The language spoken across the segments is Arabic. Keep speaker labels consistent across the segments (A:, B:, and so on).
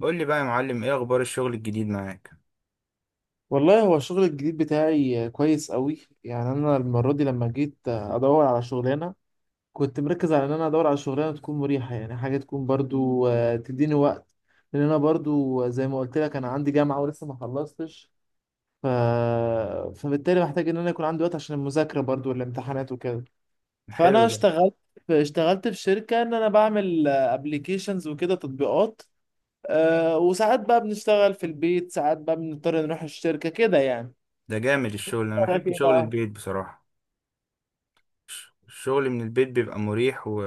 A: قول لي بقى يا معلم، ايه اخبار الشغل الجديد معاك؟
B: والله هو الشغل الجديد بتاعي كويس قوي. يعني انا المره دي لما جيت ادور على شغلانه كنت مركز على ان انا ادور على شغلانه تكون مريحه، يعني حاجه تكون برضو تديني وقت. لان انا برضو زي ما قلت لك انا عندي جامعه ولسه ما خلصتش. ف... فبالتالي محتاج ان انا يكون عندي وقت عشان المذاكره برضو والامتحانات وكده.
A: حلو
B: فانا
A: ده.
B: اشتغلت اشتغلت في شركه ان انا بعمل ابلكيشنز وكده تطبيقات. وساعات بقى بنشتغل في البيت، ساعات بقى بنضطر نروح الشركه كده يعني.
A: ده جامد الشغل، انا
B: رايك
A: بحب
B: ايه
A: شغل
B: بقى؟
A: البيت بصراحة. الشغل من البيت بيبقى مريح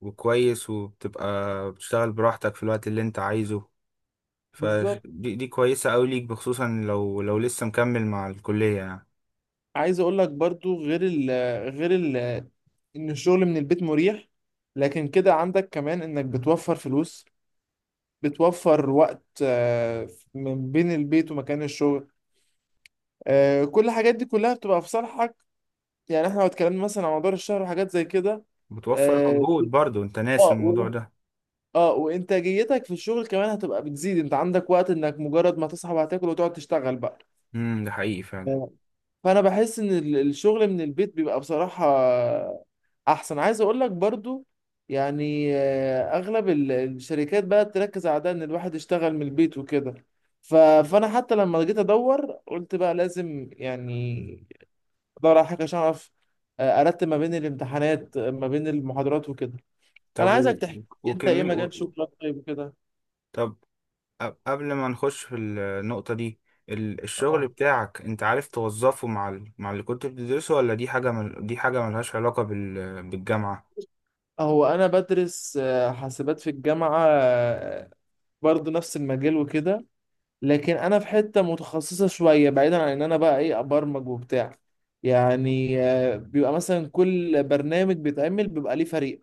A: وكويس، وبتبقى بتشتغل براحتك في الوقت اللي انت عايزه. فدي
B: بالظبط.
A: دي دي كويسة قوي ليك، بخصوصا لو لسه مكمل مع الكلية يعني.
B: عايز اقول لك برضو غير ال ان الشغل من البيت مريح، لكن كده عندك كمان انك بتوفر فلوس، بتوفر وقت من بين البيت ومكان الشغل. كل الحاجات دي كلها بتبقى في صالحك، يعني احنا لو اتكلمنا مثلا عن مدار الشهر وحاجات زي كده.
A: بتوفر
B: اه.
A: مجهود برضو، انت
B: اه
A: ناسي الموضوع ده.
B: وانتاجيتك في الشغل كمان هتبقى بتزيد، انت عندك وقت انك مجرد ما تصحى وهتاكل وتقعد تشتغل بقى.
A: ده حقيقي فعلا.
B: فانا بحس ان الشغل من البيت بيبقى بصراحة احسن. عايز اقول لك برضو يعني اغلب الشركات بقى تركز على ده، ان الواحد يشتغل من البيت وكده. ف- فانا حتى لما جيت ادور قلت بقى لازم يعني ادور على حاجة عشان اعرف ارتب ما بين الامتحانات، ما بين المحاضرات وكده.
A: طب
B: انا
A: و...
B: عايزك تحكي، انت ايه
A: وكمي... و...
B: مجال
A: و-
B: شغلك طيب وكده؟
A: طب، قبل ما نخش في النقطة دي، الشغل
B: اه.
A: بتاعك، انت عارف توظفه مع اللي كنت بتدرسه، ولا دي حاجة دي حاجة ملهاش علاقة بالجامعة؟
B: هو انا بدرس حاسبات في الجامعة، برضو نفس المجال وكده. لكن انا في حته متخصصه شويه بعيدا عن ان انا بقى ايه ابرمج وبتاع. يعني بيبقى مثلا كل برنامج بيتعمل بيبقى ليه فريق،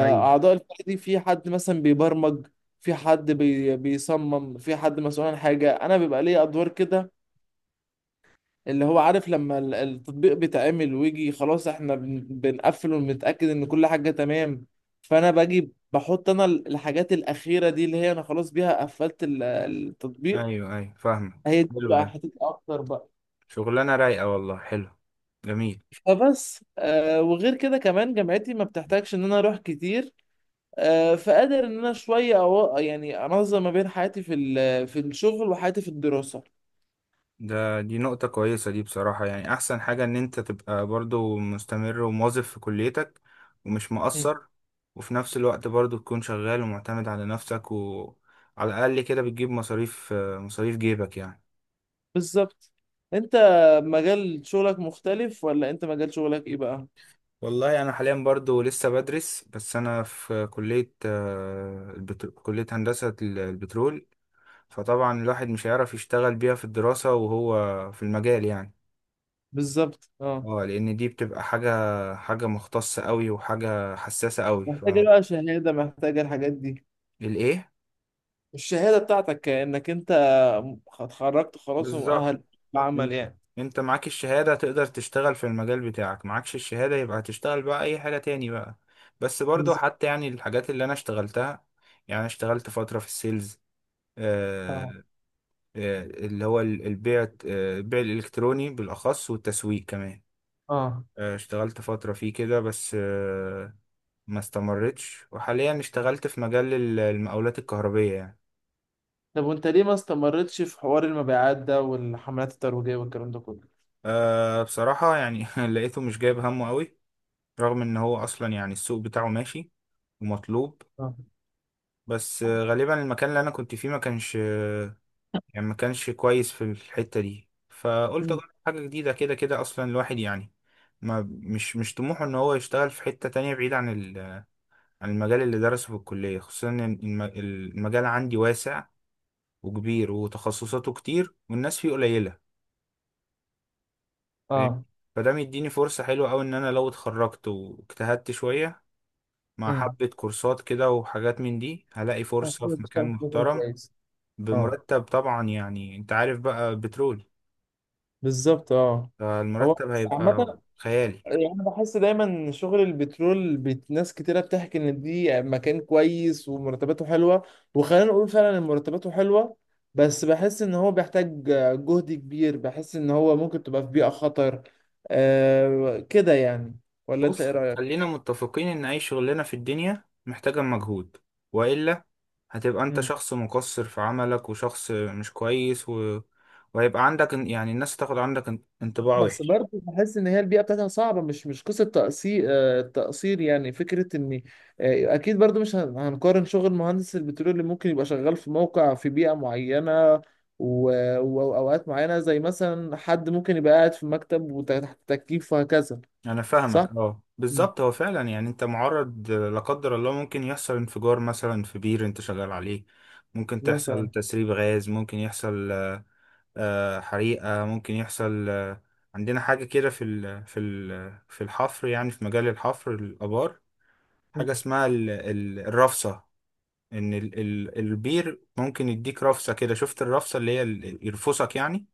A: ايوه،
B: الفريق دي في حد مثلا بيبرمج، في حد بيصمم، في حد مسؤول عن حاجه. انا بيبقى ليه ادوار كده، اللي هو عارف لما التطبيق بيتعمل ويجي خلاص احنا بنقفل ونتاكد ان كل حاجه تمام. فانا باجي بحط انا الحاجات الاخيره دي اللي هي انا خلاص بيها قفلت التطبيق.
A: ايوه، ايوه، فاهمك،
B: هي دي
A: حلو
B: بقى
A: ده.
B: حتتي اكتر بقى.
A: شغلانة رايقة والله، حلو. جميل.
B: فبس وغير كده كمان جامعتي ما بتحتاجش ان انا اروح كتير، فقادر ان انا شويه أو يعني انظم ما بين حياتي في الشغل وحياتي في الدراسه.
A: دي نقطة كويسة دي بصراحة، يعني احسن حاجة ان انت تبقى برضو مستمر وموظف في كليتك ومش
B: مم.
A: مقصر، وفي نفس الوقت برضو تكون شغال ومعتمد على نفسك، وعلى الاقل كده بتجيب مصاريف جيبك يعني.
B: بالظبط. انت مجال شغلك مختلف ولا انت مجال شغلك ايه بقى؟
A: والله انا حاليا برضو لسه بدرس، بس انا في كلية كلية هندسة البترول، فطبعا الواحد مش هيعرف يشتغل بيها في الدراسة وهو في المجال يعني.
B: بالظبط. اه
A: اه لان دي بتبقى حاجة، حاجة مختصة قوي وحاجة حساسة قوي.
B: محتاجه بقى شهاده، محتاجه الحاجات دي.
A: الايه؟
B: الشهاده بتاعتك انك انت اتخرجت خلاص
A: بالظبط.
B: ومؤهل
A: إن-
B: للعمل يعني.
A: انت معاك الشهادة تقدر تشتغل في المجال بتاعك، معكش الشهادة يبقى هتشتغل بقى اي حاجة تاني بقى. بس برضو
B: بالظبط.
A: حتى يعني الحاجات اللي انا اشتغلتها، يعني أنا اشتغلت فترة في السيلز، آه،
B: اه
A: اللي هو البيع، البيع الإلكتروني بالأخص والتسويق كمان.
B: اه.
A: اشتغلت فترة فيه كده بس، ما استمرتش، وحاليا اشتغلت في مجال المقاولات الكهربية يعني.
B: طب وانت ليه ما استمرتش في حوار المبيعات ده والحملات الترويجية والكلام ده كله؟
A: بصراحة يعني لقيته مش جايب همه قوي، رغم ان هو اصلا يعني السوق بتاعه ماشي ومطلوب،
B: اه.
A: بس غالبا المكان اللي انا كنت فيه ما كانش، يعني ما كانش كويس في الحتة دي، فقلت
B: مم.
A: اجرب حاجة جديدة، كده كده اصلا الواحد يعني ما مش طموحه ان هو يشتغل في حتة تانية بعيد عن عن المجال اللي درسه في الكلية، خصوصا ان المجال عندي واسع وكبير وتخصصاته كتير والناس فيه قليلة، فاهم؟
B: اه.
A: فده مديني فرصة حلوة أوي إن أنا لو اتخرجت واجتهدت شوية مع
B: امم.
A: حبة كورسات كده وحاجات من دي، هلاقي فرصة
B: كله
A: في مكان
B: بيشتغل في مكان
A: محترم
B: كويس. اه.
A: بمرتب طبعا، يعني أنت عارف بقى بترول،
B: بالظبط اه. هو
A: فالمرتب
B: بس
A: هيبقى
B: عامة،
A: خيالي.
B: يعني أنا بحس دايما إن شغل البترول ناس كتيرة بتحكي إن دي مكان كويس ومرتباته حلوة، وخلينا نقول فعلا إن مرتباته حلوة. بس بحس إن هو بيحتاج جهد كبير، بحس إن هو ممكن تبقى في بيئة خطر كده يعني. ولا أنت إيه
A: بص،
B: رأيك؟
A: خلينا متفقين ان اي شغلانه في الدنيا محتاجه مجهود، والا هتبقى انت شخص مقصر في عملك وشخص مش كويس، وهيبقى عندك يعني الناس تاخد عندك انطباع
B: بس
A: وحش.
B: برضه بحس ان هي البيئه بتاعتها صعبه، مش قصه تقصير، تقصير يعني، فكره ان اكيد برضه مش هنقارن شغل مهندس البترول اللي ممكن يبقى شغال في موقع في بيئه معينه و- واوقات معينه، زي مثلا حد ممكن يبقى قاعد في مكتب وتحت تكييف وهكذا.
A: انا
B: صح؟
A: فاهمك، اه
B: مم.
A: بالظبط، هو فعلا يعني انت معرض لا قدر الله ممكن يحصل انفجار مثلا في بير انت شغال عليه، ممكن تحصل
B: مثلا.
A: تسريب غاز، ممكن يحصل حريقة، ممكن يحصل. عندنا حاجة كده في في الحفر، يعني في مجال الحفر الآبار،
B: مم.
A: حاجة اسمها الرفصة، إن البير ممكن يديك رفصة كده، شفت الرفصة اللي هي يرفصك يعني.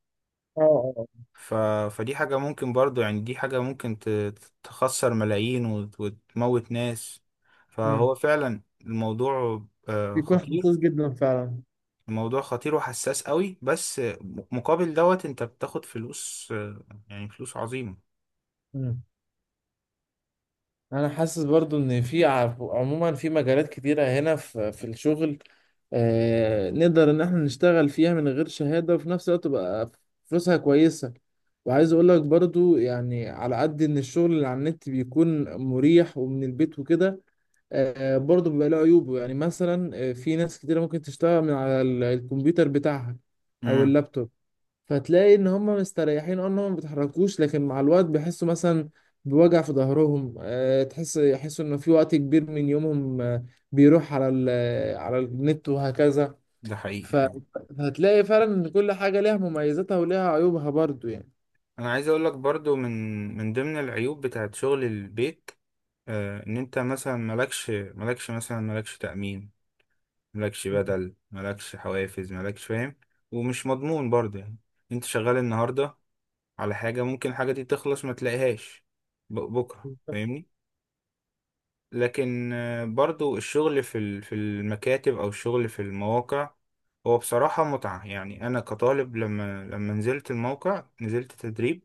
B: اه اه.
A: ف فدي حاجة ممكن برضو يعني، دي حاجة ممكن تخسر ملايين وتموت ناس، فهو
B: مم.
A: فعلا الموضوع
B: بيكون
A: خطير،
B: حساس جدا فعلا.
A: الموضوع خطير وحساس قوي، بس مقابل دوت انت بتاخد فلوس، يعني فلوس عظيمة.
B: مم. انا حاسس برضو ان في عموما في مجالات كتيره هنا في الشغل نقدر ان احنا نشتغل فيها من غير شهادة وفي نفس الوقت تبقى فلوسها كويسة. وعايز اقول لك برضو يعني على قد ان الشغل اللي على النت بيكون مريح ومن البيت وكده برضو بيبقى له عيوبه. يعني مثلا في ناس كتيرة ممكن تشتغل من على الكمبيوتر بتاعها او
A: امم
B: اللابتوب. فتلاقي ان هم مستريحين، اه، ان هم ما بيتحركوش، لكن مع الوقت بيحسوا مثلا بوجع في ظهرهم. يحسوا ان في وقت كبير من يومهم بيروح على النت وهكذا.
A: ده حقيقي
B: ف-
A: فعلا.
B: فهتلاقي فعلا ان كل حاجة ليها مميزاتها وليها عيوبها برضو يعني.
A: انا عايز اقول لك برضو من ضمن العيوب بتاعت شغل البيك، ان انت مثلا مالكش مثلا مالكش تأمين، مالكش بدل، مالكش حوافز، مالكش فاهم. ومش مضمون برضه يعني، انت شغال النهاردة على حاجة، ممكن الحاجة دي تخلص ما تلاقيهاش بكرة
B: بالظبط.
A: فاهمني. لكن برضو الشغل في في المكاتب او الشغل في المواقع، هو بصراحة متعة، يعني انا كطالب لما نزلت الموقع، نزلت تدريب،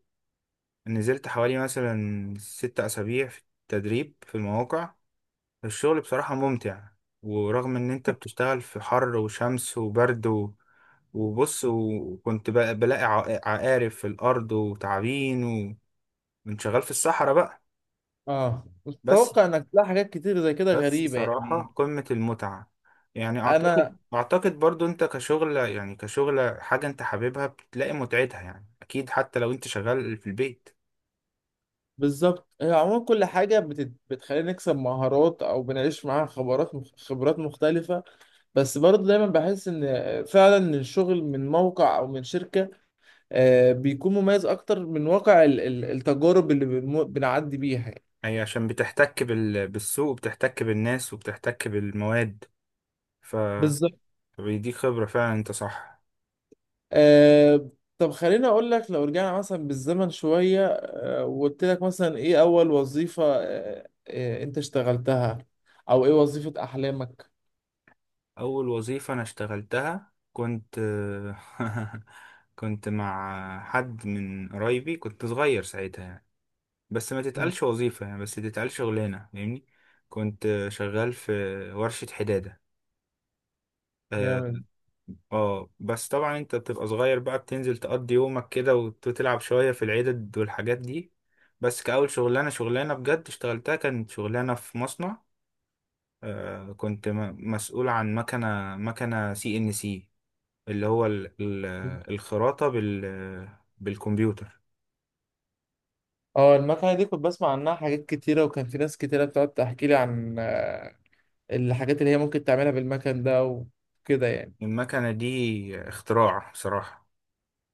A: نزلت حوالي مثلا 6 اسابيع في تدريب في المواقع، الشغل بصراحة ممتع، ورغم ان انت بتشتغل في حر وشمس وبرد وبص، وكنت بقى بلاقي عقارب في الارض وتعابين، وكنت شغال في الصحراء بقى.
B: اه،
A: بس
B: اتوقع انك تلاقي حاجات كتير زي كده
A: بس
B: غريبه يعني.
A: صراحة قمة المتعة، يعني
B: انا
A: أعتقد برضو أنت كشغل، يعني كشغل حاجة أنت حاببها بتلاقي متعتها يعني، أكيد حتى لو أنت شغال في البيت.
B: بالظبط. هي عموما كل حاجه بتخلينا نكسب مهارات او بنعيش معاها خبرات خبرات مختلفه. بس برضه دايما بحس ان فعلا الشغل من موقع او من شركه بيكون مميز اكتر من واقع التجارب اللي بنعدي بيها يعني.
A: أي، عشان بتحتك بالسوق، وبتحتك بالناس، وبتحتك بالمواد، ف
B: بالظبط.
A: فبيديك خبرة فعلا، أنت صح.
B: آه. طب خليني اقول لك، لو رجعنا مثلا بالزمن شوية وقلت لك مثلا ايه اول وظيفة انت اشتغلتها او ايه وظيفة احلامك؟
A: أول وظيفة أنا اشتغلتها كنت كنت مع حد من قرايبي، كنت صغير ساعتها يعني، بس ما
B: مم.
A: تتقالش وظيفة يعني، بس تتقال شغلانة، فاهمني. كنت شغال في ورشة حدادة، اه.
B: جامد.
A: بس طبعا انت بتبقى صغير بقى، بتنزل تقضي يومك كده وتلعب شوية في العدد والحاجات دي، بس كأول شغلانة شغلانة بجد اشتغلتها، كانت شغلانة في مصنع، آه، كنت مسؤول عن مكنة CNC، اللي هو الخراطة بالكمبيوتر.
B: اه. المكنة دي كنت بسمع عنها حاجات كتيرة، وكان في ناس كتيرة بتقعد تحكي لي عن الحاجات اللي هي ممكن تعملها بالمكن ده وكده يعني.
A: المكنة دي اختراع صراحة،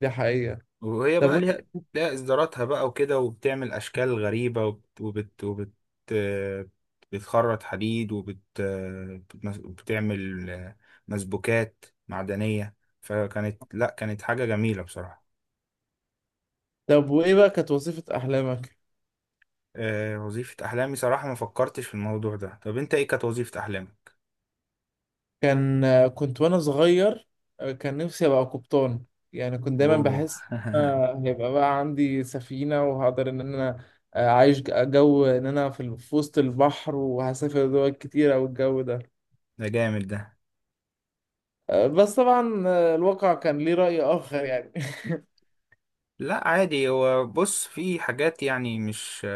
B: دي حقيقة.
A: وهي
B: طب
A: بقى
B: وانت.
A: ليها، ليها إصداراتها بقى وكده، وبتعمل أشكال غريبة بتخرط حديد بتعمل مسبوكات معدنية، فكانت لا كانت حاجة جميلة بصراحة.
B: وايه بقى كانت وظيفة احلامك؟
A: وظيفة أحلامي صراحة ما فكرتش في الموضوع ده، طب أنت إيه كانت وظيفة أحلامك؟
B: كان كنت وانا صغير، كان نفسي ابقى قبطان، يعني كنت دايما
A: أوه
B: بحس إن أنا هيبقى بقى عندي سفينة، وهقدر ان انا عايش جو ان انا في وسط البحر وهسافر دول كتيرة والجو ده.
A: ده جامد ده.
B: بس طبعا الواقع كان ليه رأي آخر يعني.
A: لا عادي، هو بص في حاجات يعني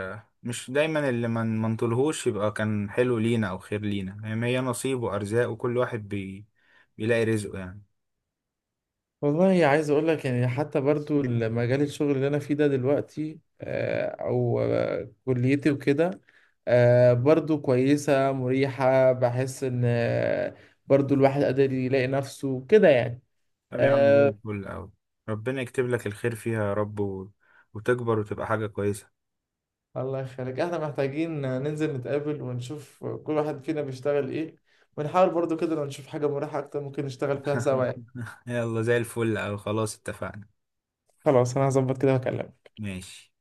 A: مش دايما اللي ما من منطلهوش يبقى كان حلو لينا او خير لينا، يعني هي نصيب وارزاق، وكل واحد بيلاقي رزقه يعني.
B: والله عايز اقول لك يعني، حتى برضو مجال الشغل اللي انا فيه ده دلوقتي او كليتي وكده برضو كويسة مريحة، بحس ان برضو الواحد قادر يلاقي نفسه كده يعني.
A: طب يا عم زي
B: آه،
A: الفل اوي، ربنا يكتب لك الخير فيها يا رب، وتكبر وتبقى حاجة كويسة.
B: الله يخليك. احنا محتاجين ننزل نتقابل ونشوف كل واحد فينا بيشتغل ايه، ونحاول برضو كده لو نشوف حاجة مريحة اكتر ممكن نشتغل فيها سوا يعني.
A: يلا زي الفل، او خلاص اتفقنا.
B: خلاص انا هظبط كده واكلمك.
A: ماشي.